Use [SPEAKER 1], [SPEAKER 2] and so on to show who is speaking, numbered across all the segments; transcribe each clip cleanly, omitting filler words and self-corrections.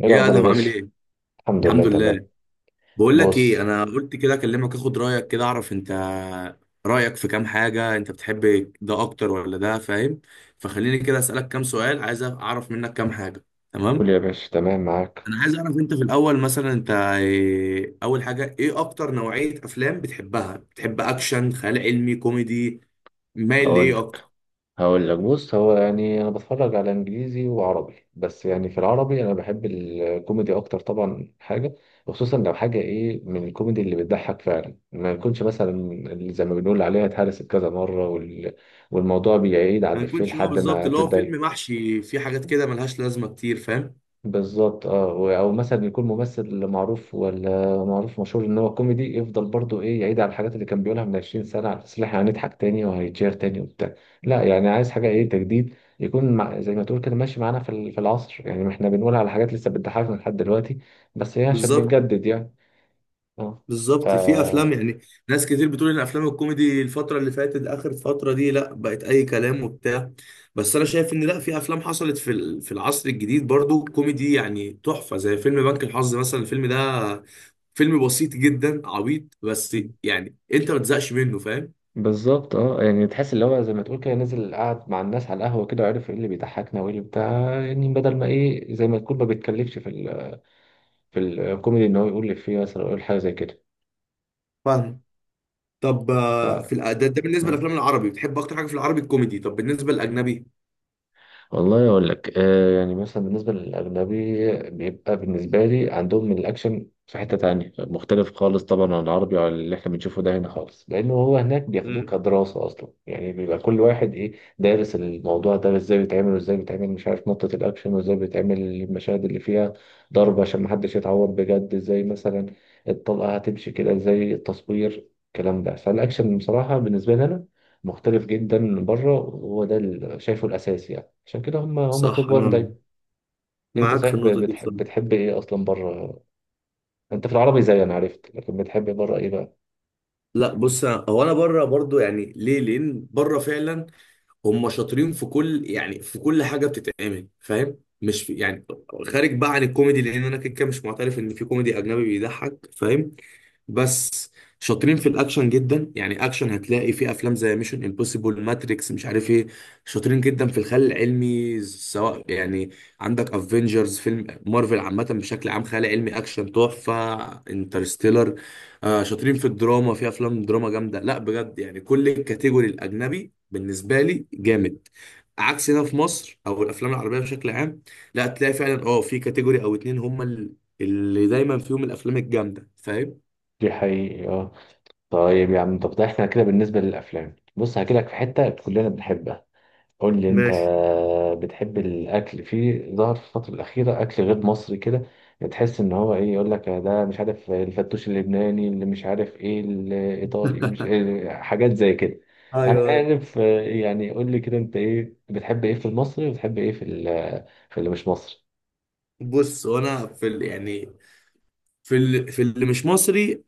[SPEAKER 1] ايه
[SPEAKER 2] ايه يا
[SPEAKER 1] الاخبار يا
[SPEAKER 2] ادهم، عامل
[SPEAKER 1] باشا؟
[SPEAKER 2] ايه؟
[SPEAKER 1] الحمد لله،
[SPEAKER 2] الحمد
[SPEAKER 1] تمام.
[SPEAKER 2] لله. بقول لك ايه،
[SPEAKER 1] بص،
[SPEAKER 2] انا قلت كده اكلمك اخد رايك، كده اعرف انت رايك في كام حاجه، انت بتحب ده اكتر ولا ده، فاهم؟ فخليني كده اسالك كام سؤال، عايز اعرف منك كام حاجه.
[SPEAKER 1] قول
[SPEAKER 2] تمام،
[SPEAKER 1] يا باشا، تمام معاك.
[SPEAKER 2] انا عايز اعرف انت في الاول مثلا انت إيه، اول حاجه ايه اكتر نوعيه افلام بتحبها؟ بتحب اكشن، خيال علمي، كوميدي؟ مايل
[SPEAKER 1] اقول
[SPEAKER 2] لايه اكتر؟
[SPEAKER 1] لك، هقول لك بص، هو يعني انا بتفرج على انجليزي وعربي، بس يعني في العربي انا بحب الكوميدي اكتر طبعا. حاجه خصوصا لو حاجه ايه، من الكوميدي اللي بتضحك فعلا، ما يكونش مثلا اللي زي ما بنقول عليها اتهرست كذا مره وال... والموضوع بيعيد على
[SPEAKER 2] ما
[SPEAKER 1] الإفيه
[SPEAKER 2] يكونش هو
[SPEAKER 1] لحد
[SPEAKER 2] بالظبط
[SPEAKER 1] ما
[SPEAKER 2] اللي هو فيلم
[SPEAKER 1] تتضايق.
[SPEAKER 2] محشي فيه حاجات كده ملهاش لازمه كتير، فاهم؟
[SPEAKER 1] بالظبط. اه او مثلا يكون ممثل معروف ولا معروف مشهور ان هو كوميدي، يفضل برضو ايه، يعيد على الحاجات اللي كان بيقولها من 20 سنه على اساس إن احنا هنضحك تاني وهيتشير تاني وبتاع. لا، يعني عايز حاجه ايه، تجديد، يكون مع زي ما تقول كده ماشي معانا في العصر. يعني احنا بنقول على حاجات لسه بتضحكنا لحد دلوقتي، بس هي عشان
[SPEAKER 2] بالظبط،
[SPEAKER 1] بنجدد يعني. اه. ف
[SPEAKER 2] بالظبط. في افلام يعني ناس كتير بتقول ان افلام الكوميدي الفتره اللي فاتت، اخر فتره دي، لا بقت اي كلام وبتاع، بس انا شايف ان لا، في افلام حصلت في العصر الجديد برضو كوميدي يعني تحفه، زي فيلم بنك الحظ مثلا، الفيلم ده فيلم بسيط جدا عبيط، بس يعني انت ما تزهقش منه، فاهم؟
[SPEAKER 1] بالظبط. اه يعني تحس اللي هو زي ما تقول كده، نزل قعد مع الناس على القهوه كده وعرف ايه اللي بيضحكنا وايه اللي بتاع. يعني بدل ما ايه، زي ما تقول، ما بيتكلفش في في الكوميدي ان هو يقول لي فيه مثلا أو يقول حاجه زي كده.
[SPEAKER 2] فاهم. طب في ده بالنسبه
[SPEAKER 1] ف...
[SPEAKER 2] للافلام العربي بتحب اكتر حاجه في العربي الكوميدي، طب بالنسبه للاجنبي؟
[SPEAKER 1] والله اقول لك، آه يعني مثلا بالنسبه للاجنبي، بيبقى بالنسبه لي عندهم الاكشن في حته تانية، مختلف خالص طبعا عن العربي وعن اللي احنا بنشوفه ده هنا خالص. لانه هو هناك بياخدوه
[SPEAKER 2] امم.
[SPEAKER 1] كدراسه اصلا، يعني بيبقى كل واحد ايه، دارس الموضوع ده ازاي بيتعمل وازاي بيتعمل، مش عارف، نقطه الاكشن وازاي بيتعمل المشاهد اللي فيها ضرب عشان محدش يتعور بجد، ازاي مثلا الطلقه هتمشي كده، ازاي التصوير، الكلام ده. فالاكشن بصراحه بالنسبه لي انا مختلف جدا بره، وهو ده اللي شايفه الاساسي يعني. عشان كده هم توب
[SPEAKER 2] صح،
[SPEAKER 1] 1
[SPEAKER 2] انا
[SPEAKER 1] دايما. انت
[SPEAKER 2] معاك في
[SPEAKER 1] صحيح
[SPEAKER 2] النقطه دي
[SPEAKER 1] بتحب،
[SPEAKER 2] بصراحه.
[SPEAKER 1] بتحب ايه اصلا بره؟ انت في العربي زي انا عرفت، لكن بتحب بره ايه بقى؟
[SPEAKER 2] لا بص، هو انا بره برضو، يعني ليه؟ لان بره فعلا هم شاطرين في كل، يعني في كل حاجه بتتعمل، فاهم؟ مش في يعني، خارج بقى عن الكوميدي، لان انا كده كده مش معترف ان في كوميدي اجنبي بيضحك، فاهم؟ بس شاطرين في الاكشن جدا، يعني اكشن هتلاقي في افلام زي ميشن امبوسيبل، ماتريكس، مش عارف ايه. شاطرين جدا في الخيال العلمي، سواء يعني عندك افنجرز، فيلم مارفل عامه بشكل عام، خيال علمي اكشن تحفه، انترستيلر. آه شاطرين في الدراما، في افلام دراما جامده، لا بجد يعني كل الكاتيجوري الاجنبي بالنسبه لي جامد، عكس هنا في مصر او الافلام العربيه بشكل عام، لا تلاقي فعلا اه في كاتيجوري او اتنين هم اللي دايما فيهم الافلام الجامده، فاهم؟
[SPEAKER 1] دي حقيقي، اه. طيب يا عم، طب ده احنا كده بالنسبه للافلام، بص هحكي لك في حته كلنا بنحبها. قول لي انت،
[SPEAKER 2] ماشي.
[SPEAKER 1] بتحب الاكل؟ في ظهر في الفتره الاخيره اكل غير مصري كده، بتحس ان هو ايه، يقول لك ده مش عارف الفتوش اللبناني، اللي مش عارف ايه الايطالي، مش إيه، حاجات زي كده. انا
[SPEAKER 2] ايوه ايوه.
[SPEAKER 1] عارف، آه، يعني قول لي كده، انت ايه، بتحب ايه في المصري وبتحب ايه في اللي مش مصري؟
[SPEAKER 2] بص، يعني في اللي مش مصري،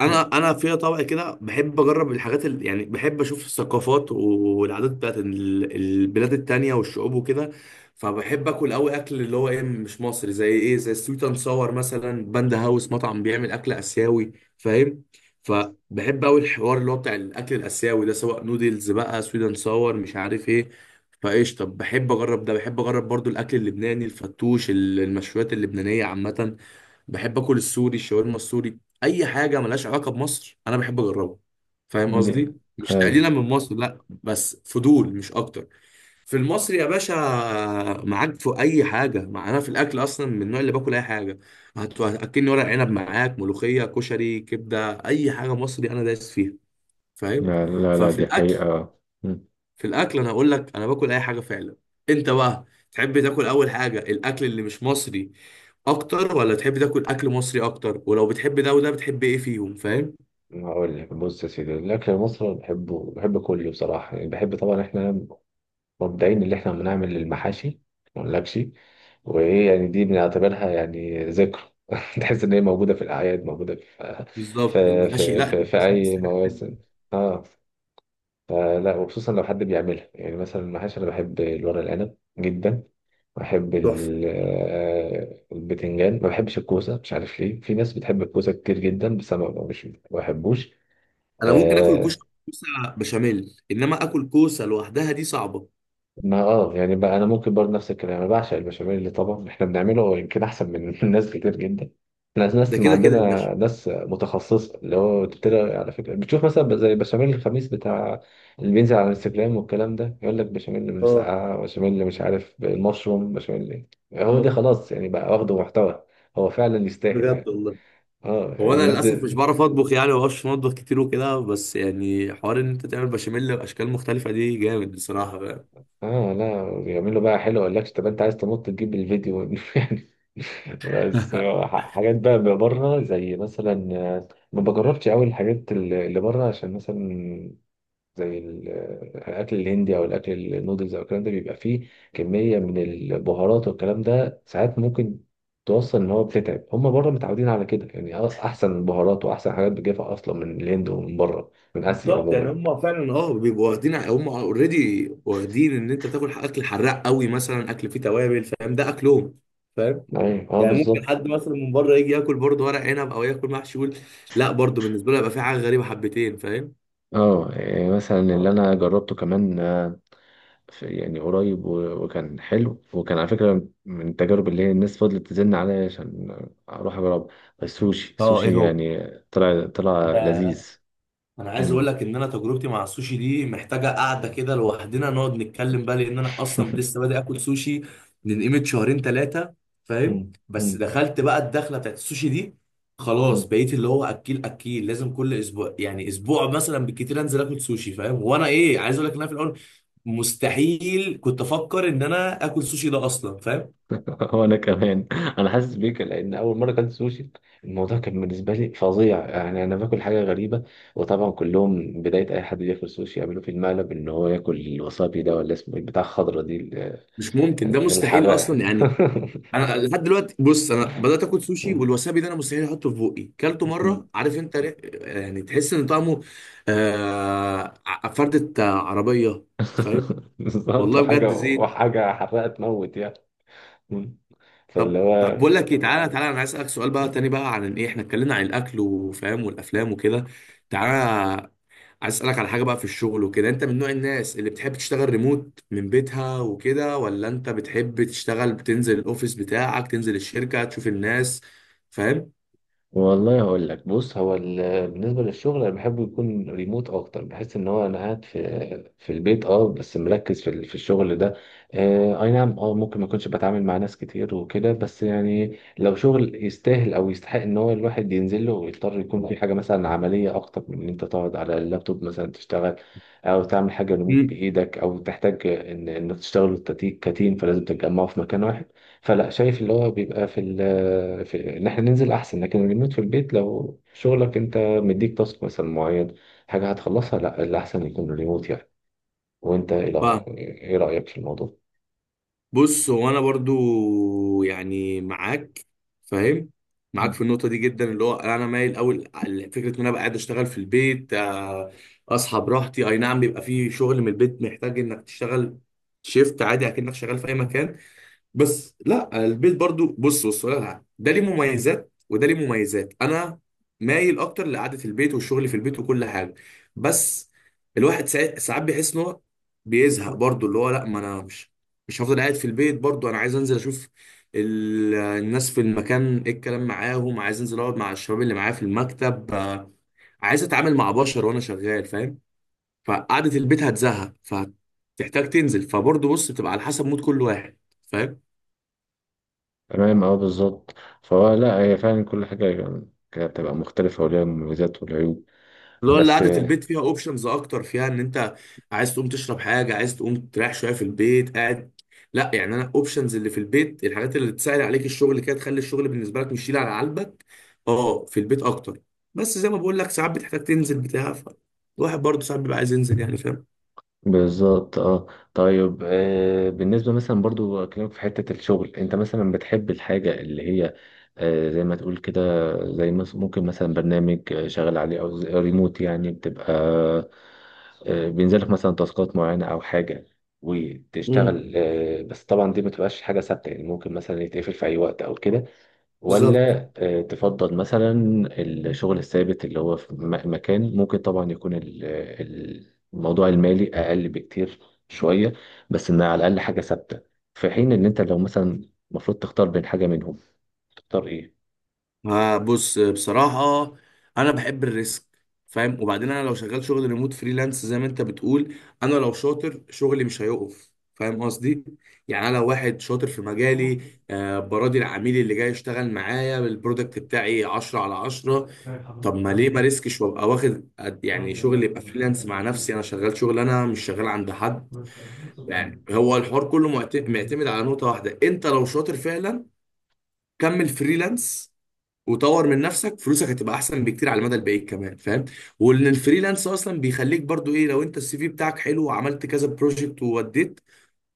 [SPEAKER 2] انا في طبع كده بحب اجرب الحاجات اللي يعني بحب اشوف الثقافات والعادات بتاعت البلاد التانية والشعوب وكده، فبحب اكل قوي اكل اللي هو ايه مش مصري، زي ايه، زي سويت اند صور مثلا، باندا هاوس، مطعم بيعمل اكل اسيوي، فاهم؟ فبحب قوي الحوار اللي هو بتاع الاكل الاسيوي ده، سواء نودلز بقى، سويت اند صور، مش عارف ايه. فايش، طب بحب اجرب ده، بحب اجرب برضو الاكل اللبناني، الفتوش، المشويات اللبنانية عامة، بحب اكل السوري، الشاورما السوري. اي حاجه ملهاش علاقه بمصر انا بحب اجربها، فاهم
[SPEAKER 1] دي،
[SPEAKER 2] قصدي؟ مش
[SPEAKER 1] ايوه.
[SPEAKER 2] تقليلا من مصر لا، بس فضول مش اكتر. في المصري يا باشا، معاك في اي حاجه، مع انا في الاكل اصلا من النوع اللي باكل اي حاجه، هتاكلني ورق عنب معاك، ملوخيه، كشري، كبده، اي حاجه مصري انا دايس فيها، فاهم؟
[SPEAKER 1] لا لا لا،
[SPEAKER 2] ففي
[SPEAKER 1] دي
[SPEAKER 2] الاكل،
[SPEAKER 1] حقيقة. مم.
[SPEAKER 2] في الاكل انا اقول لك انا باكل اي حاجه فعلا. انت بقى تحب تاكل اول حاجه الاكل اللي مش مصري اكتر، ولا تحب تاكل اكل مصري اكتر؟ ولو بتحب ده وده بتحب ايه فيهم، فاهم؟
[SPEAKER 1] هقول لك بص يا سيدي، الاكل المصري أنا بحبه، بحب كله بصراحه. يعني بحب طبعا احنا مبدئيا اللي احنا بنعمل للمحاشي، ما اقولكش. وايه يعني، دي بنعتبرها يعني ذكرى. تحس ان هي موجوده في الاعياد، موجوده في
[SPEAKER 2] بالظبط. المحاشي لا،
[SPEAKER 1] في
[SPEAKER 2] المحاشي بص
[SPEAKER 1] اي
[SPEAKER 2] حاجه
[SPEAKER 1] مواسم.
[SPEAKER 2] تانية.
[SPEAKER 1] اه. فلا، وخصوصا لو حد بيعملها. يعني مثلا المحاشي انا بحب الورق العنب جدا، بحب
[SPEAKER 2] تحفه.
[SPEAKER 1] آه، البتنجان، ما بحبش الكوسه، مش عارف ليه، في ناس بتحب الكوسه كتير جدا، بس انا مش ما بحبوش.
[SPEAKER 2] انا ممكن اكل كوشه،
[SPEAKER 1] آه.
[SPEAKER 2] كوسه بشاميل، انما اكل كوسه لوحدها دي صعبه.
[SPEAKER 1] ما اه يعني بقى انا ممكن برضه نفس الكلام، انا بعشق البشاميل، اللي طبعا احنا بنعمله هو يمكن احسن من ناس كتير جدا. احنا ناس،
[SPEAKER 2] ده
[SPEAKER 1] ما
[SPEAKER 2] كده كده يا باشا.
[SPEAKER 1] عندنا ناس متخصصه، اللي هو بتبتدي على فكره بتشوف مثلا زي بشاميل الخميس بتاع، اللي بينزل على الانستجرام والكلام ده، يقول لك بشاميل من
[SPEAKER 2] اه.
[SPEAKER 1] مسقعه، بشاميل مش عارف المشروم، بشاميل إيه. هو ده،
[SPEAKER 2] اه،
[SPEAKER 1] خلاص يعني بقى واخده محتوى. هو فعلا يستاهل
[SPEAKER 2] بجد
[SPEAKER 1] يعني.
[SPEAKER 2] والله.
[SPEAKER 1] اه
[SPEAKER 2] هو
[SPEAKER 1] يعني
[SPEAKER 2] انا للاسف مش
[SPEAKER 1] بينزل.
[SPEAKER 2] بعرف اطبخ، يعني ما بعرفش اطبخ كتير وكده، بس يعني حوار ان انت تعمل بشاميل باشكال مختلفه دي جامد بصراحه بقى.
[SPEAKER 1] اه لا، بيعملوا بقى حلو، يقول لك طب انت عايز تنط تجيب الفيديو يعني. بس آه، حاجات بقى بره زي مثلا، آه، ما بجربش قوي الحاجات اللي بره، عشان مثلا زي ال- آه، الاكل الهندي او الاكل النودلز او الكلام ده، بيبقى فيه كميه من البهارات والكلام ده ساعات ممكن توصل ان هو بتتعب. هم بره متعودين على كده، يعني احسن بهارات واحسن حاجات بتجيبها اصلا من الهند ومن بره، من اسيا
[SPEAKER 2] بالظبط. يعني
[SPEAKER 1] عموما.
[SPEAKER 2] هم فعلا اه بيبقوا واخدين، هم اوريدي واخدين ان انت بتاكل اكل حراق قوي مثلا، اكل فيه توابل، فاهم؟ ده اكلهم، فاهم؟
[SPEAKER 1] ايوه اه
[SPEAKER 2] يعني ممكن
[SPEAKER 1] بالظبط.
[SPEAKER 2] حد مثلا من بره يجي ياكل برضه ورق عنب او ياكل محشي، يقول لا برضه بالنسبه له يبقى في حاجه غريبه حبتين، فاهم؟
[SPEAKER 1] اه يعني مثلا اللي انا جربته كمان آه، يعني قريب وكان حلو، وكان على فكره من التجارب اللي هي الناس فضلت تزن عليا عشان اروح اجرب، السوشي،
[SPEAKER 2] اه، ايه
[SPEAKER 1] السوشي
[SPEAKER 2] هو
[SPEAKER 1] يعني. طلع، طلع
[SPEAKER 2] ده.
[SPEAKER 1] لذيذ.
[SPEAKER 2] انا عايز اقول
[SPEAKER 1] مم.
[SPEAKER 2] لك ان انا تجربتي مع السوشي دي محتاجه قعده كده لوحدنا نقعد نتكلم بقى، لان انا اصلا لسه بادئ اكل سوشي من قيمه شهرين ثلاثه، فاهم؟
[SPEAKER 1] مم.
[SPEAKER 2] بس
[SPEAKER 1] مم.
[SPEAKER 2] دخلت بقى الدخله بتاعت السوشي دي، خلاص
[SPEAKER 1] مم.
[SPEAKER 2] بقيت اللي هو اكيل اكيل، لازم كل اسبوع يعني، اسبوع مثلا بالكتير انزل اكل سوشي، فاهم؟ وانا ايه عايز اقول لك ان انا في الاول مستحيل كنت افكر ان انا اكل سوشي ده اصلا، فاهم؟
[SPEAKER 1] وانا كمان، انا حاسس بيك، لان اول مره كانت سوشي الموضوع كان بالنسبه لي فظيع. يعني انا باكل حاجه غريبه، وطبعا كلهم بدايه اي حد بياكل سوشي يعملوا في المقلب ان هو ياكل الوسابي ده، ولا اسمه إيه، بتاع الخضره دي،
[SPEAKER 2] مش ممكن، ده مستحيل
[SPEAKER 1] الحراق.
[SPEAKER 2] اصلا يعني. انا لحد دلوقتي بص، انا بدات اكل سوشي والوسابي ده انا مستحيل احطه في بقي، كلته مره عارف انت، يعني تحس ان طعمه آه، فردة عربيه، فاهم؟
[SPEAKER 1] بالظبط،
[SPEAKER 2] والله
[SPEAKER 1] وحاجة،
[SPEAKER 2] بجد زين.
[SPEAKER 1] وحاجة حراقة تموت يعني. فاللي
[SPEAKER 2] طب طب،
[SPEAKER 1] هو،
[SPEAKER 2] بقول لك ايه، تعالى تعالى انا عايز اسالك سؤال بقى تاني بقى، عن ايه، احنا اتكلمنا عن الاكل وفاهم والافلام وكده، تعالى عايز اسالك على حاجه بقى في الشغل وكده، انت من نوع الناس اللي بتحب تشتغل ريموت من بيتها وكده، ولا انت بتحب تشتغل بتنزل الاوفيس بتاعك، تنزل الشركه تشوف الناس، فاهم؟
[SPEAKER 1] والله هقول لك بص، بالنسبه للشغل، انا بحبه يكون ريموت اكتر. بحس ان هو انا قاعد في في البيت، اه، بس مركز في الشغل ده. آه اي نعم، اه ممكن ما اكونش بتعامل مع ناس كتير وكده، بس يعني لو شغل يستاهل او يستحق ان هو الواحد ينزل له، ويضطر يكون في حاجه مثلا عمليه اكتر من ان انت تقعد على اللابتوب مثلا تشتغل، او تعمل حاجه ريموت بايدك، او تحتاج ان انك تشتغل كتيم فلازم تتجمعوا في مكان واحد، فلا، شايف اللي هو بيبقى في, في ان احنا ننزل احسن. لكن الريموت في البيت، لو شغلك انت مديك تاسك مثلا معين، حاجه هتخلصها، لا، الاحسن يكون ريموت يعني. وانت ايه
[SPEAKER 2] فاهم.
[SPEAKER 1] إيه رايك في الموضوع؟
[SPEAKER 2] بص هو انا برضو يعني معاك، فاهم؟ معاك في
[SPEAKER 1] مم.
[SPEAKER 2] النقطه دي جدا، اللي هو انا مايل اول على فكره ان انا ابقى قاعد اشتغل في البيت اصحى براحتي، اي نعم بيبقى في شغل من البيت محتاج انك تشتغل شيفت عادي اكنك شغال في اي مكان، بس لا البيت برضو، بص ولا لا، ده ليه مميزات وده ليه مميزات، انا مايل اكتر لقعده البيت والشغل في البيت وكل حاجه، بس الواحد ساعات ساعات بيحس ان هو بيزهق برضو، اللي هو لا ما انا مش، مش هفضل قاعد في البيت برضو، انا عايز انزل اشوف الناس في المكان، ايه الكلام معاهم، عايز انزل اقعد مع الشباب اللي معايا في المكتب عايز اتعامل مع بشر وانا شغال، فاهم؟ فقعده البيت هتزهق فتحتاج تنزل، فبرضو بص بتبقى على حسب مود كل واحد، فاهم؟
[SPEAKER 1] تمام اه بالظبط. فهو لا، هي فعلا كل حاجة كانت بتبقى مختلفة، وليها مميزات والعيوب.
[SPEAKER 2] اللي هو اللي
[SPEAKER 1] بس
[SPEAKER 2] قعدة البيت فيها اوبشنز اكتر، فيها ان انت عايز تقوم تشرب حاجة، عايز تقوم تريح شوية في البيت قاعد، لا يعني انا اوبشنز اللي في البيت الحاجات اللي تسهل عليك الشغل كده، تخلي الشغل بالنسبة لك مش شيل على قلبك، اه في البيت اكتر، بس زي ما بقول لك ساعات بتحتاج تنزل بتاع، الواحد برضه ساعات بيبقى عايز ينزل يعني، فاهم؟
[SPEAKER 1] بالظبط اه. طيب آه بالنسبة مثلا برضو أكلمك في حتة الشغل، انت مثلا بتحب الحاجة اللي هي آه زي ما تقول كده، زي ممكن مثلا برنامج آه، شغال عليه، او ريموت يعني، بتبقى آه بينزلك مثلا تاسكات معينة او حاجة
[SPEAKER 2] امم.
[SPEAKER 1] وتشتغل، آه بس طبعا دي ما تبقاش حاجة ثابتة، يعني ممكن مثلا يتقفل في اي وقت او كده،
[SPEAKER 2] بالظبط.
[SPEAKER 1] ولا آه، تفضل مثلا الشغل الثابت اللي هو في مكان، ممكن طبعا يكون الموضوع المالي أقل بكتير شوية، بس إنها على الأقل حاجة ثابتة. في حين إن أنت لو مثلا المفروض تختار بين حاجة منهم، تختار إيه؟
[SPEAKER 2] آه بص بصراحة، أنا بحب الريسك، فاهم؟ وبعدين أنا لو شغال شغل ريموت فريلانس زي ما أنت بتقول، أنا لو شاطر شغلي مش هيقف، فاهم قصدي؟ يعني أنا لو واحد شاطر في مجالي، آه براضي العميل اللي جاي يشتغل معايا بالبرودكت بتاعي 10 على 10، طب ما ليه ما ريسكش وأبقى واخد يعني شغل يبقى فريلانس مع نفسي، أنا شغال شغل أنا مش شغال عند حد، يعني هو الحوار كله معتمد على نقطة واحدة، أنت لو شاطر فعلا كمل فريلانس، وطور من نفسك، فلوسك هتبقى احسن بكتير على المدى البعيد كمان، فاهم؟ وان الفريلانس اصلا بيخليك برضو ايه، لو انت السي في بتاعك حلو وعملت كذا بروجكت ووديت،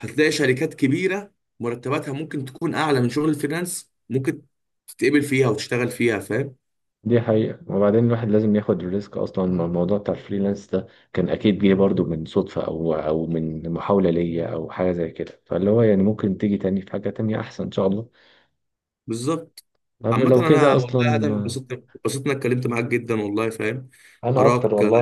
[SPEAKER 2] هتلاقي شركات كبيره مرتباتها ممكن تكون اعلى من شغل الفريلانس، ممكن تتقبل فيها وتشتغل فيها، فاهم؟
[SPEAKER 1] دي حقيقة. وبعدين الواحد لازم ياخد الريسك. أصلا الموضوع بتاع الفريلانس ده كان أكيد جه برضو من صدفة أو من محاولة ليا أو حاجة زي كده، فاللي هو يعني ممكن تيجي تاني في حاجة تانية أحسن إن شاء الله.
[SPEAKER 2] بالظبط.
[SPEAKER 1] طب
[SPEAKER 2] عامة
[SPEAKER 1] لو كده
[SPEAKER 2] انا والله يا ادم
[SPEAKER 1] أصلا.
[SPEAKER 2] اتبسطت، اتبسطت اني اتكلمت معاك جدا والله، فاهم؟
[SPEAKER 1] انا اكتر
[SPEAKER 2] اراك،
[SPEAKER 1] والله.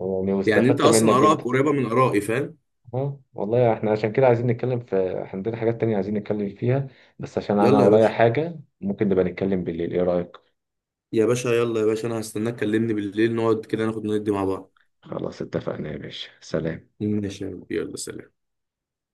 [SPEAKER 1] يعني
[SPEAKER 2] يعني انت
[SPEAKER 1] واستفدت منك
[SPEAKER 2] اصلا ارائك
[SPEAKER 1] جدا.
[SPEAKER 2] قريبة من ارائي، فاهم؟
[SPEAKER 1] اه والله احنا عشان كده عايزين نتكلم في، إحنا عندنا حاجات تانية عايزين نتكلم فيها، بس عشان انا
[SPEAKER 2] يلا يا
[SPEAKER 1] ورايا
[SPEAKER 2] باشا،
[SPEAKER 1] حاجة ممكن نبقى نتكلم بالليل، ايه رأيك؟
[SPEAKER 2] يا باشا يلا يا باشا، انا هستناك كلمني بالليل نقعد كده ناخد ندي مع بعض.
[SPEAKER 1] خلاص اتفقنا يا باشا، سلام.
[SPEAKER 2] ماشي يا رب. يلا سلام.